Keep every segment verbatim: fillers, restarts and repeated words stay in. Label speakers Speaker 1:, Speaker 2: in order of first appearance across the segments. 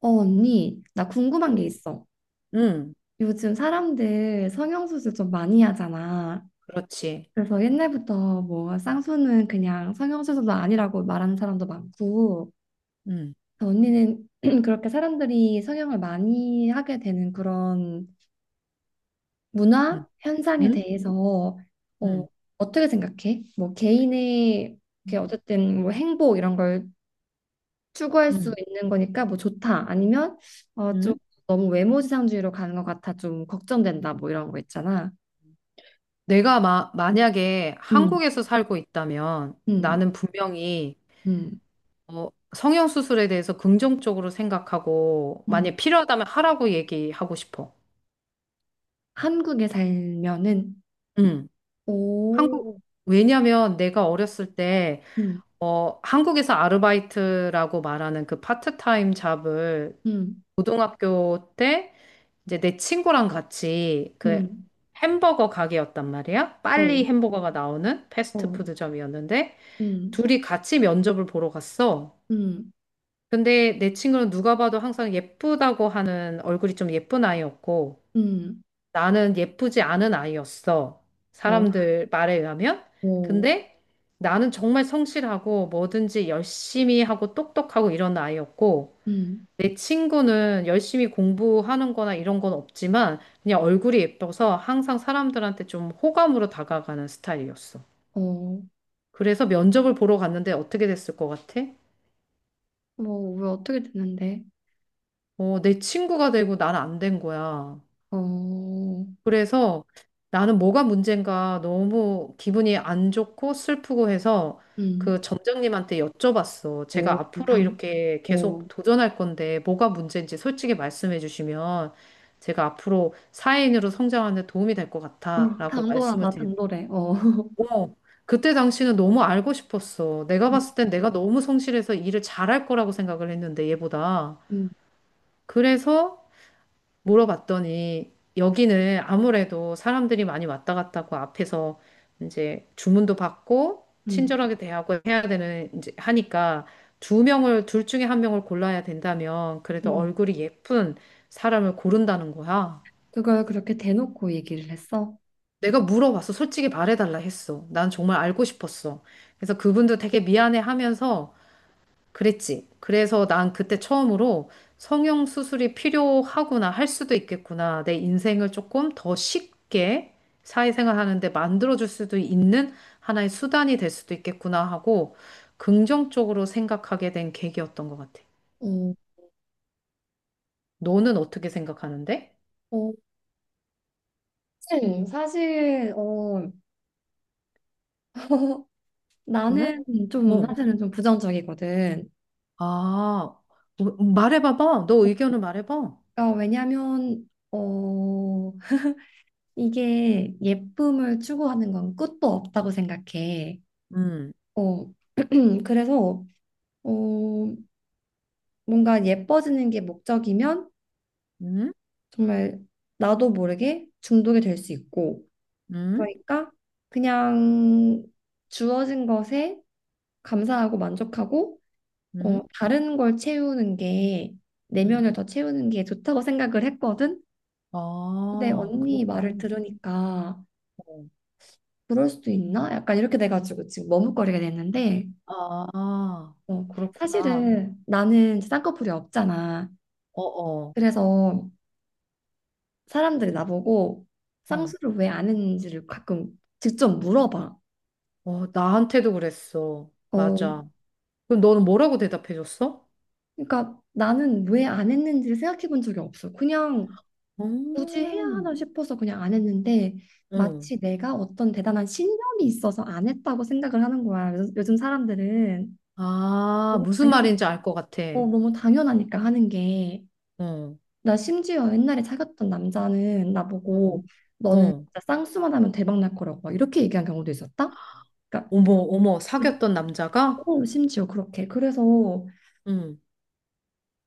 Speaker 1: 어, 언니, 나 궁금한 게
Speaker 2: 음.
Speaker 1: 있어.
Speaker 2: 응,
Speaker 1: 요즘 사람들 성형수술 좀 많이 하잖아.
Speaker 2: 그렇지.
Speaker 1: 그래서 옛날부터 뭐 쌍수는 그냥 성형수술도 아니라고 말하는 사람도 많고,
Speaker 2: 응,
Speaker 1: 언니는 그렇게 사람들이 성형을 많이 하게 되는 그런
Speaker 2: 응,
Speaker 1: 문화 현상에
Speaker 2: 응,
Speaker 1: 대해서 어,
Speaker 2: 응,
Speaker 1: 어떻게 생각해? 뭐 개인의 그
Speaker 2: 음. 응,
Speaker 1: 어쨌든 뭐 행복 이런 걸 추구할 수
Speaker 2: 응.
Speaker 1: 있는 거니까 뭐 좋다. 아니면 어, 좀
Speaker 2: 응.
Speaker 1: 너무 외모지상주의로 가는 것 같아. 좀 걱정된다. 뭐 이런 거 있잖아.
Speaker 2: 내가 마, 만약에
Speaker 1: 음.
Speaker 2: 한국에서 살고 있다면
Speaker 1: 음.
Speaker 2: 나는 분명히
Speaker 1: 음.
Speaker 2: 어, 성형수술에 대해서 긍정적으로 생각하고
Speaker 1: 음.
Speaker 2: 만약 필요하다면 하라고 얘기하고 싶어.
Speaker 1: 한국에 살면은
Speaker 2: 응. 한국,
Speaker 1: 오.
Speaker 2: 왜냐면 내가 어렸을 때
Speaker 1: 음.
Speaker 2: 어, 한국에서 아르바이트라고 말하는 그 파트타임 잡을
Speaker 1: 음.
Speaker 2: 고등학교 때 이제 내 친구랑 같이 그
Speaker 1: 음.
Speaker 2: 햄버거 가게였단 말이야. 빨리
Speaker 1: 어.
Speaker 2: 햄버거가 나오는
Speaker 1: 어.
Speaker 2: 패스트푸드점이었는데
Speaker 1: 음.
Speaker 2: 둘이 같이 면접을 보러 갔어.
Speaker 1: 음.
Speaker 2: 근데 내 친구는 누가 봐도 항상 예쁘다고 하는 얼굴이 좀 예쁜 아이였고
Speaker 1: 음.
Speaker 2: 나는 예쁘지 않은 아이였어.
Speaker 1: 어.
Speaker 2: 사람들 말에 의하면.
Speaker 1: 오.
Speaker 2: 근데 나는 정말 성실하고 뭐든지 열심히 하고 똑똑하고 이런 아이였고
Speaker 1: 음.
Speaker 2: 내 친구는 열심히 공부하는 거나 이런 건 없지만 그냥 얼굴이 예뻐서 항상 사람들한테 좀 호감으로 다가가는 스타일이었어.
Speaker 1: 어.
Speaker 2: 그래서 면접을 보러 갔는데 어떻게 됐을 것 같아?
Speaker 1: 뭐, 왜 어떻게 되는데?
Speaker 2: 어, 내 친구가 되고 난 안 된 거야.
Speaker 1: 어.
Speaker 2: 그래서 나는 뭐가 문제인가 너무 기분이 안 좋고 슬프고 해서
Speaker 1: 음.
Speaker 2: 그 점장님한테 여쭤봤어.
Speaker 1: 오.
Speaker 2: 제가 앞으로
Speaker 1: 당,
Speaker 2: 이렇게
Speaker 1: 어,
Speaker 2: 계속
Speaker 1: 어,
Speaker 2: 도전할 건데 뭐가 문제인지 솔직히 말씀해 주시면 제가 앞으로 사회인으로 성장하는 데 도움이 될 것 같아라고 말씀을
Speaker 1: 당돌하다, 당돌해, 어,
Speaker 2: 드렸고 그때 당시는 너무 알고 싶었어. 내가
Speaker 1: 음.
Speaker 2: 봤을 땐 내가 너무 성실해서 일을 잘할 거라고 생각을 했는데 얘보다.
Speaker 1: 음.
Speaker 2: 그래서 물어봤더니 여기는 아무래도 사람들이 많이 왔다 갔다 하고 앞에서 이제 주문도 받고
Speaker 1: 음.
Speaker 2: 친절하게 대하고 해야 되는 이제 하니까 두 명을 둘 중에 한 명을 골라야 된다면 그래도
Speaker 1: 음.
Speaker 2: 얼굴이 예쁜 사람을 고른다는 거야.
Speaker 1: 그걸 그렇게 대놓고 얘기를 했어?
Speaker 2: 내가 물어봤어. 솔직히 말해달라 했어. 난 정말 알고 싶었어. 그래서 그분도 되게 미안해 하면서 그랬지. 그래서 난 그때 처음으로 성형 수술이 필요하구나, 할 수도 있겠구나. 내 인생을 조금 더 쉽게 사회생활 하는데 만들어줄 수도 있는 하나의 수단이 될 수도 있겠구나 하고 긍정적으로 생각하게 된 계기였던 것 같아.
Speaker 1: 어.
Speaker 2: 너는 어떻게 생각하는데?
Speaker 1: 어. 사실, 사실, 어,
Speaker 2: 왜?
Speaker 1: 나는 좀,
Speaker 2: 어.
Speaker 1: 사실은 좀 부정적이거든.
Speaker 2: 아, 어, 음, 말해봐봐. 너 의견을 말해봐.
Speaker 1: 어, 왜냐면, 어, 이게 예쁨을 추구하는 건 끝도 없다고 생각해.
Speaker 2: 음,
Speaker 1: 어, 그래서, 어, 뭔가 예뻐지는 게 목적이면
Speaker 2: 음,
Speaker 1: 정말 나도 모르게 중독이 될 수 있고,
Speaker 2: 음,
Speaker 1: 그러니까 그냥 주어진 것에 감사하고 만족하고, 어,
Speaker 2: 음,
Speaker 1: 다른 걸 채우는 게
Speaker 2: 음.
Speaker 1: 내면을 더 채우는 게 좋다고 생각을 했거든. 근데
Speaker 2: 아,
Speaker 1: 언니 말을
Speaker 2: 그렇군.
Speaker 1: 들으니까 그럴 수도 있나? 약간 이렇게 돼가지고 지금 머뭇거리게 됐는데
Speaker 2: 아, 아,
Speaker 1: 어,
Speaker 2: 그렇구나.
Speaker 1: 사실은 나는 이제 쌍꺼풀이 없잖아.
Speaker 2: 어어.
Speaker 1: 그래서 사람들이 나보고
Speaker 2: 응.
Speaker 1: 쌍수를 왜 안 했는지를 가끔 직접 물어봐.
Speaker 2: 어, 나한테도 그랬어.
Speaker 1: 어,
Speaker 2: 맞아. 그럼 너는 뭐라고 대답해줬어?
Speaker 1: 그러니까 나는 왜 안 했는지를 생각해 본 적이 없어. 그냥 굳이 해야
Speaker 2: 음.
Speaker 1: 하나 싶어서 그냥 안 했는데
Speaker 2: 응.
Speaker 1: 마치 내가 어떤 대단한 신념이 있어서 안 했다고 생각을 하는 거야. 요즘, 요즘 사람들은
Speaker 2: 아,
Speaker 1: 너무
Speaker 2: 무슨 말인지
Speaker 1: 당연한,
Speaker 2: 알 것 같아.
Speaker 1: 어, 너무 당연하니까 하는 게.
Speaker 2: 응.
Speaker 1: 나 심지어 옛날에 사귀었던 남자는
Speaker 2: 응.
Speaker 1: 나보고 너는
Speaker 2: 응.
Speaker 1: 진짜 쌍수만 하면 대박 날 거라고 막 이렇게 얘기한 경우도 있었다. 그러니까
Speaker 2: 어머, 어머, 사귀었던 남자가?
Speaker 1: 어, 심지어 그렇게. 그래서
Speaker 2: 응.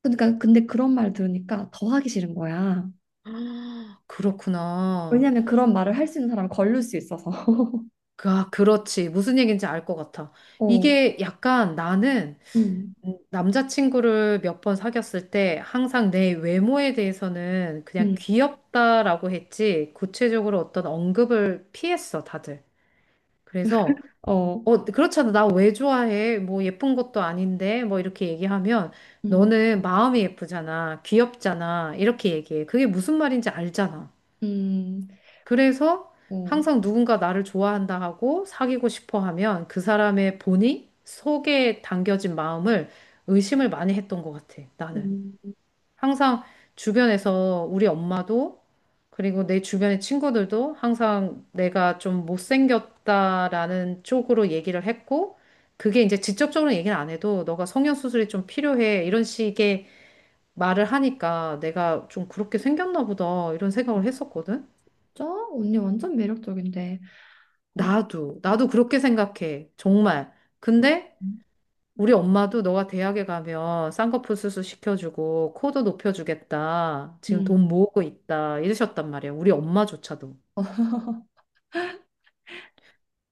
Speaker 1: 그러니까 근데 그런 말 들으니까 더 하기 싫은 거야.
Speaker 2: 아, 그렇구나.
Speaker 1: 왜냐면 그런 말을 할 수 있는 사람을 걸릴 수 있어서.
Speaker 2: 그, 아, 그렇지. 무슨 얘기인지 알 것 같아.
Speaker 1: 어.
Speaker 2: 이게 약간 나는
Speaker 1: 음.
Speaker 2: 음, 남자친구를 몇 번 사귀었을 때 항상 내 외모에 대해서는 그냥
Speaker 1: 음.
Speaker 2: 귀엽다라고 했지 구체적으로 어떤 언급을 피했어, 다들. 그래서
Speaker 1: 어.
Speaker 2: 어, 그렇잖아. 나 왜 좋아해? 뭐 예쁜 것도 아닌데 뭐 이렇게 얘기하면
Speaker 1: 음.
Speaker 2: 너는 마음이 예쁘잖아. 귀엽잖아. 이렇게 얘기해. 그게 무슨 말인지 알잖아.
Speaker 1: 음.
Speaker 2: 그래서
Speaker 1: 어.
Speaker 2: 항상 누군가 나를 좋아한다 하고 사귀고 싶어 하면 그 사람의 본이 속에 담겨진 마음을 의심을 많이 했던 것 같아, 나는.
Speaker 1: 음.
Speaker 2: 항상 주변에서 우리 엄마도 그리고 내 주변의 친구들도 항상 내가 좀 못생겼다라는 쪽으로 얘기를 했고 그게 이제 직접적으로 얘기는 안 해도 너가 성형수술이 좀 필요해 이런 식의 말을 하니까 내가 좀 그렇게 생겼나 보다 이런 생각을
Speaker 1: 맞
Speaker 2: 했었거든.
Speaker 1: 언니 완전 매력적인데. 그렇군.
Speaker 2: 나도, 나도 그렇게 생각해. 정말.
Speaker 1: 음.
Speaker 2: 근데 우리 엄마도 너가 대학에 가면 쌍꺼풀 수술 시켜주고 코도 높여주겠다. 지금
Speaker 1: 음.
Speaker 2: 돈 모으고 있다. 이러셨단 말이야. 우리 엄마조차도.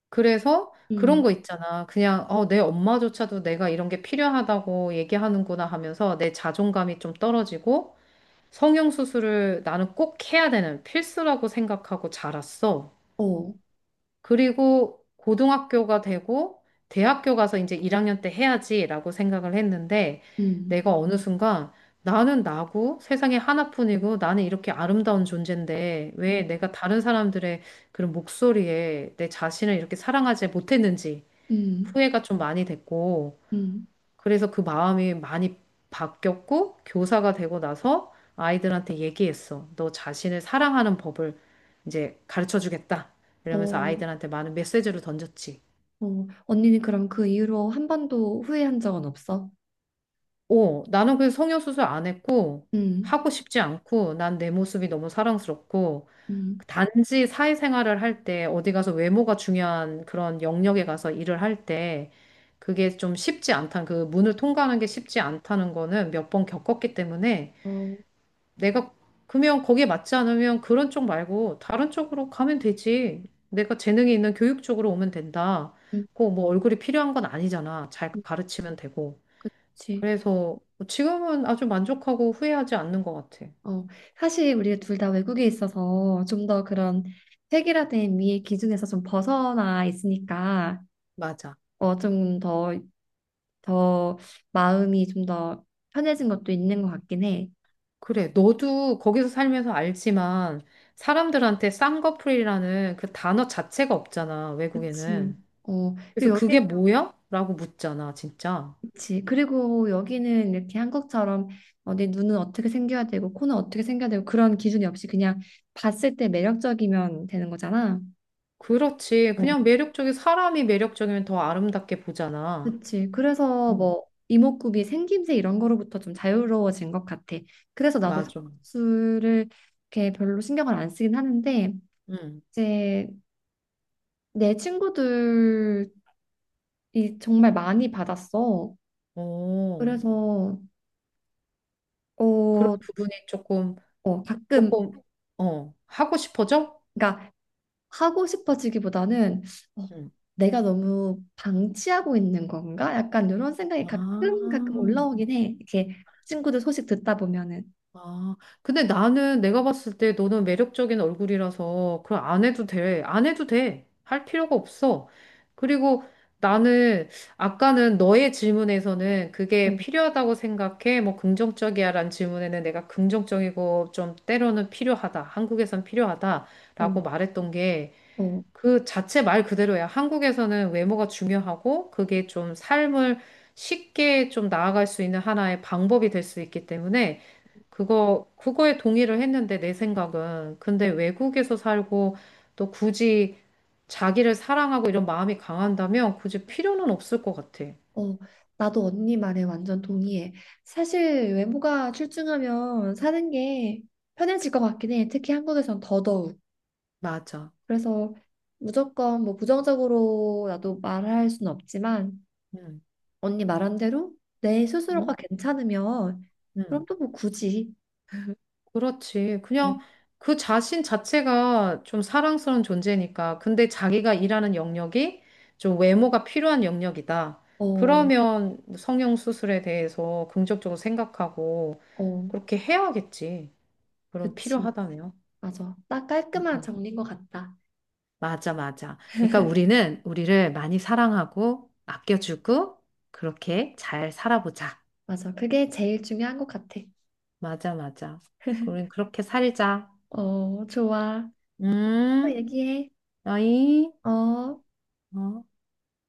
Speaker 2: 그래서 그런
Speaker 1: 음.
Speaker 2: 거 있잖아. 그냥 어, 내 엄마조차도 내가 이런 게 필요하다고 얘기하는구나 하면서 내 자존감이 좀 떨어지고 성형 수술을 나는 꼭 해야 되는 필수라고 생각하고 자랐어.
Speaker 1: 어.
Speaker 2: 그리고 고등학교가 되고 대학교 가서 이제 일 학년 때 해야지라고 생각을 했는데
Speaker 1: 음.
Speaker 2: 내가 어느 순간 나는 나고 세상에 하나뿐이고 나는 이렇게 아름다운 존재인데 왜
Speaker 1: 음.
Speaker 2: 내가 다른 사람들의 그런 목소리에 내 자신을 이렇게 사랑하지 못했는지
Speaker 1: 음.
Speaker 2: 후회가 좀 많이 됐고
Speaker 1: 음.
Speaker 2: 그래서 그 마음이 많이 바뀌었고, 교사가 되고 나서 아이들한테 얘기했어. 너 자신을 사랑하는 법을 이제 가르쳐 주겠다. 이러면서
Speaker 1: 어.
Speaker 2: 아이들한테 많은 메시지를 던졌지.
Speaker 1: 어. 언니는 그럼 그 이후로 한 번도 후회한 적은 없어?
Speaker 2: 오, 나는 그 성형수술 안 했고,
Speaker 1: 음.
Speaker 2: 하고 싶지 않고, 난 내 모습이 너무 사랑스럽고,
Speaker 1: 음.
Speaker 2: 단지 사회생활을 할 때, 어디 가서 외모가 중요한 그런 영역에 가서 일을 할 때, 그게 좀 쉽지 않다는, 그 문을 통과하는 게 쉽지 않다는 거는 몇 번 겪었기 때문에,
Speaker 1: 어.
Speaker 2: 내가 그러면 거기에 맞지 않으면 그런 쪽 말고 다른 쪽으로 가면 되지. 내가 재능이 있는 교육 쪽으로 오면 된다.
Speaker 1: 음.
Speaker 2: 꼭 뭐 얼굴이 필요한 건 아니잖아. 잘
Speaker 1: 음.
Speaker 2: 가르치면 되고.
Speaker 1: 그치.
Speaker 2: 그래서 지금은 아주 만족하고 후회하지 않는 것 같아.
Speaker 1: 어, 사실 우리가 둘 다 외국에 있어서 좀 더 그런 획일화된 미의 기준에서 좀 벗어나 있으니까
Speaker 2: 맞아.
Speaker 1: 어, 좀더 더 마음이 좀 더 편해진 것도 있는 것 같긴 해.
Speaker 2: 그래, 너도 거기서 살면서 알지만 사람들한테 쌍꺼풀이라는 그 단어 자체가 없잖아,
Speaker 1: 그치.
Speaker 2: 외국에는.
Speaker 1: 어,
Speaker 2: 그래서
Speaker 1: 그리고
Speaker 2: 그게
Speaker 1: 여기는
Speaker 2: 뭐야? 라고 묻잖아, 진짜.
Speaker 1: 그치. 그리고 여기는 이렇게 한국처럼 어, 내 눈은 어떻게 생겨야 되고 코는 어떻게 생겨야 되고 그런 기준이 없이 그냥 봤을 때 매력적이면 되는 거잖아.
Speaker 2: 그렇지.
Speaker 1: 어,
Speaker 2: 그냥 매력적인 사람이 매력적이면 더 아름답게 보잖아.
Speaker 1: 그치. 그래서
Speaker 2: 음.
Speaker 1: 뭐 이목구비 생김새 이런 거로부터 좀 자유로워진 것 같아. 그래서 나도
Speaker 2: 맞아.
Speaker 1: 수를 이렇게 별로 신경을 안 쓰긴 하는데
Speaker 2: 응.
Speaker 1: 이제 내 친구들 이 정말 많이 받았어.
Speaker 2: 오.
Speaker 1: 그래서
Speaker 2: 그런
Speaker 1: 어,
Speaker 2: 부분이 조금
Speaker 1: 어, 가끔
Speaker 2: 조금 어 하고 싶어져?
Speaker 1: 그러니까 하고 싶어지기보다는 어,
Speaker 2: 응.
Speaker 1: 내가 너무 방치하고 있는 건가? 약간 이런 생각이 가끔 가끔
Speaker 2: 아.
Speaker 1: 올라오긴 해. 이렇게 친구들 소식 듣다 보면은
Speaker 2: 아, 근데 나는 내가 봤을 때 너는 매력적인 얼굴이라서 그걸 안 해도 돼. 안 해도 돼. 할 필요가 없어. 그리고 나는 아까는 너의 질문에서는
Speaker 1: 어.
Speaker 2: 그게 필요하다고 생각해. 뭐 긍정적이야라는 질문에는 내가 긍정적이고 좀 때로는 필요하다. 한국에선
Speaker 1: 어.
Speaker 2: 필요하다라고 말했던 게
Speaker 1: 어.
Speaker 2: 그 자체 말 그대로야. 한국에서는 외모가 중요하고 그게 좀 삶을 쉽게 좀 나아갈 수 있는 하나의 방법이 될 수 있기 때문에 그거, 그거에 동의를 했는데, 내 생각은. 근데 외국에서 살고, 또 굳이 자기를 사랑하고 이런 마음이 강한다면, 굳이 필요는 없을 것 같아.
Speaker 1: 어, 나도 언니 말에 완전 동의해. 사실 외모가 출중하면 사는 게 편해질 것 같긴 해. 특히 한국에선 더더욱.
Speaker 2: 맞아.
Speaker 1: 그래서 무조건 뭐 부정적으로 나도 말할 순 없지만
Speaker 2: 음,
Speaker 1: 언니 말한 대로 내 스스로가
Speaker 2: 음,
Speaker 1: 괜찮으면 그럼
Speaker 2: 음.
Speaker 1: 또 뭐 굳이
Speaker 2: 그렇지.
Speaker 1: 어.
Speaker 2: 그냥 그 자신 자체가 좀 사랑스러운 존재니까. 근데 자기가 일하는 영역이 좀 외모가 필요한 영역이다.
Speaker 1: 어.
Speaker 2: 그러면 성형 수술에 대해서 긍정적으로 생각하고
Speaker 1: 어.
Speaker 2: 그렇게 해야겠지. 그럼
Speaker 1: 그치.
Speaker 2: 필요하다네요.
Speaker 1: 맞아. 딱 깔끔한 정리인 것 같다.
Speaker 2: 맞아, 맞아. 그러니까 우리는 우리를 많이 사랑하고 아껴주고 그렇게 잘 살아보자.
Speaker 1: 맞아. 그게 제일 중요한 것 같아.
Speaker 2: 맞아, 맞아. 우린 그렇게 살자.
Speaker 1: 어, 좋아. 또
Speaker 2: 음,
Speaker 1: 얘기해.
Speaker 2: 어이,
Speaker 1: 어.
Speaker 2: 어.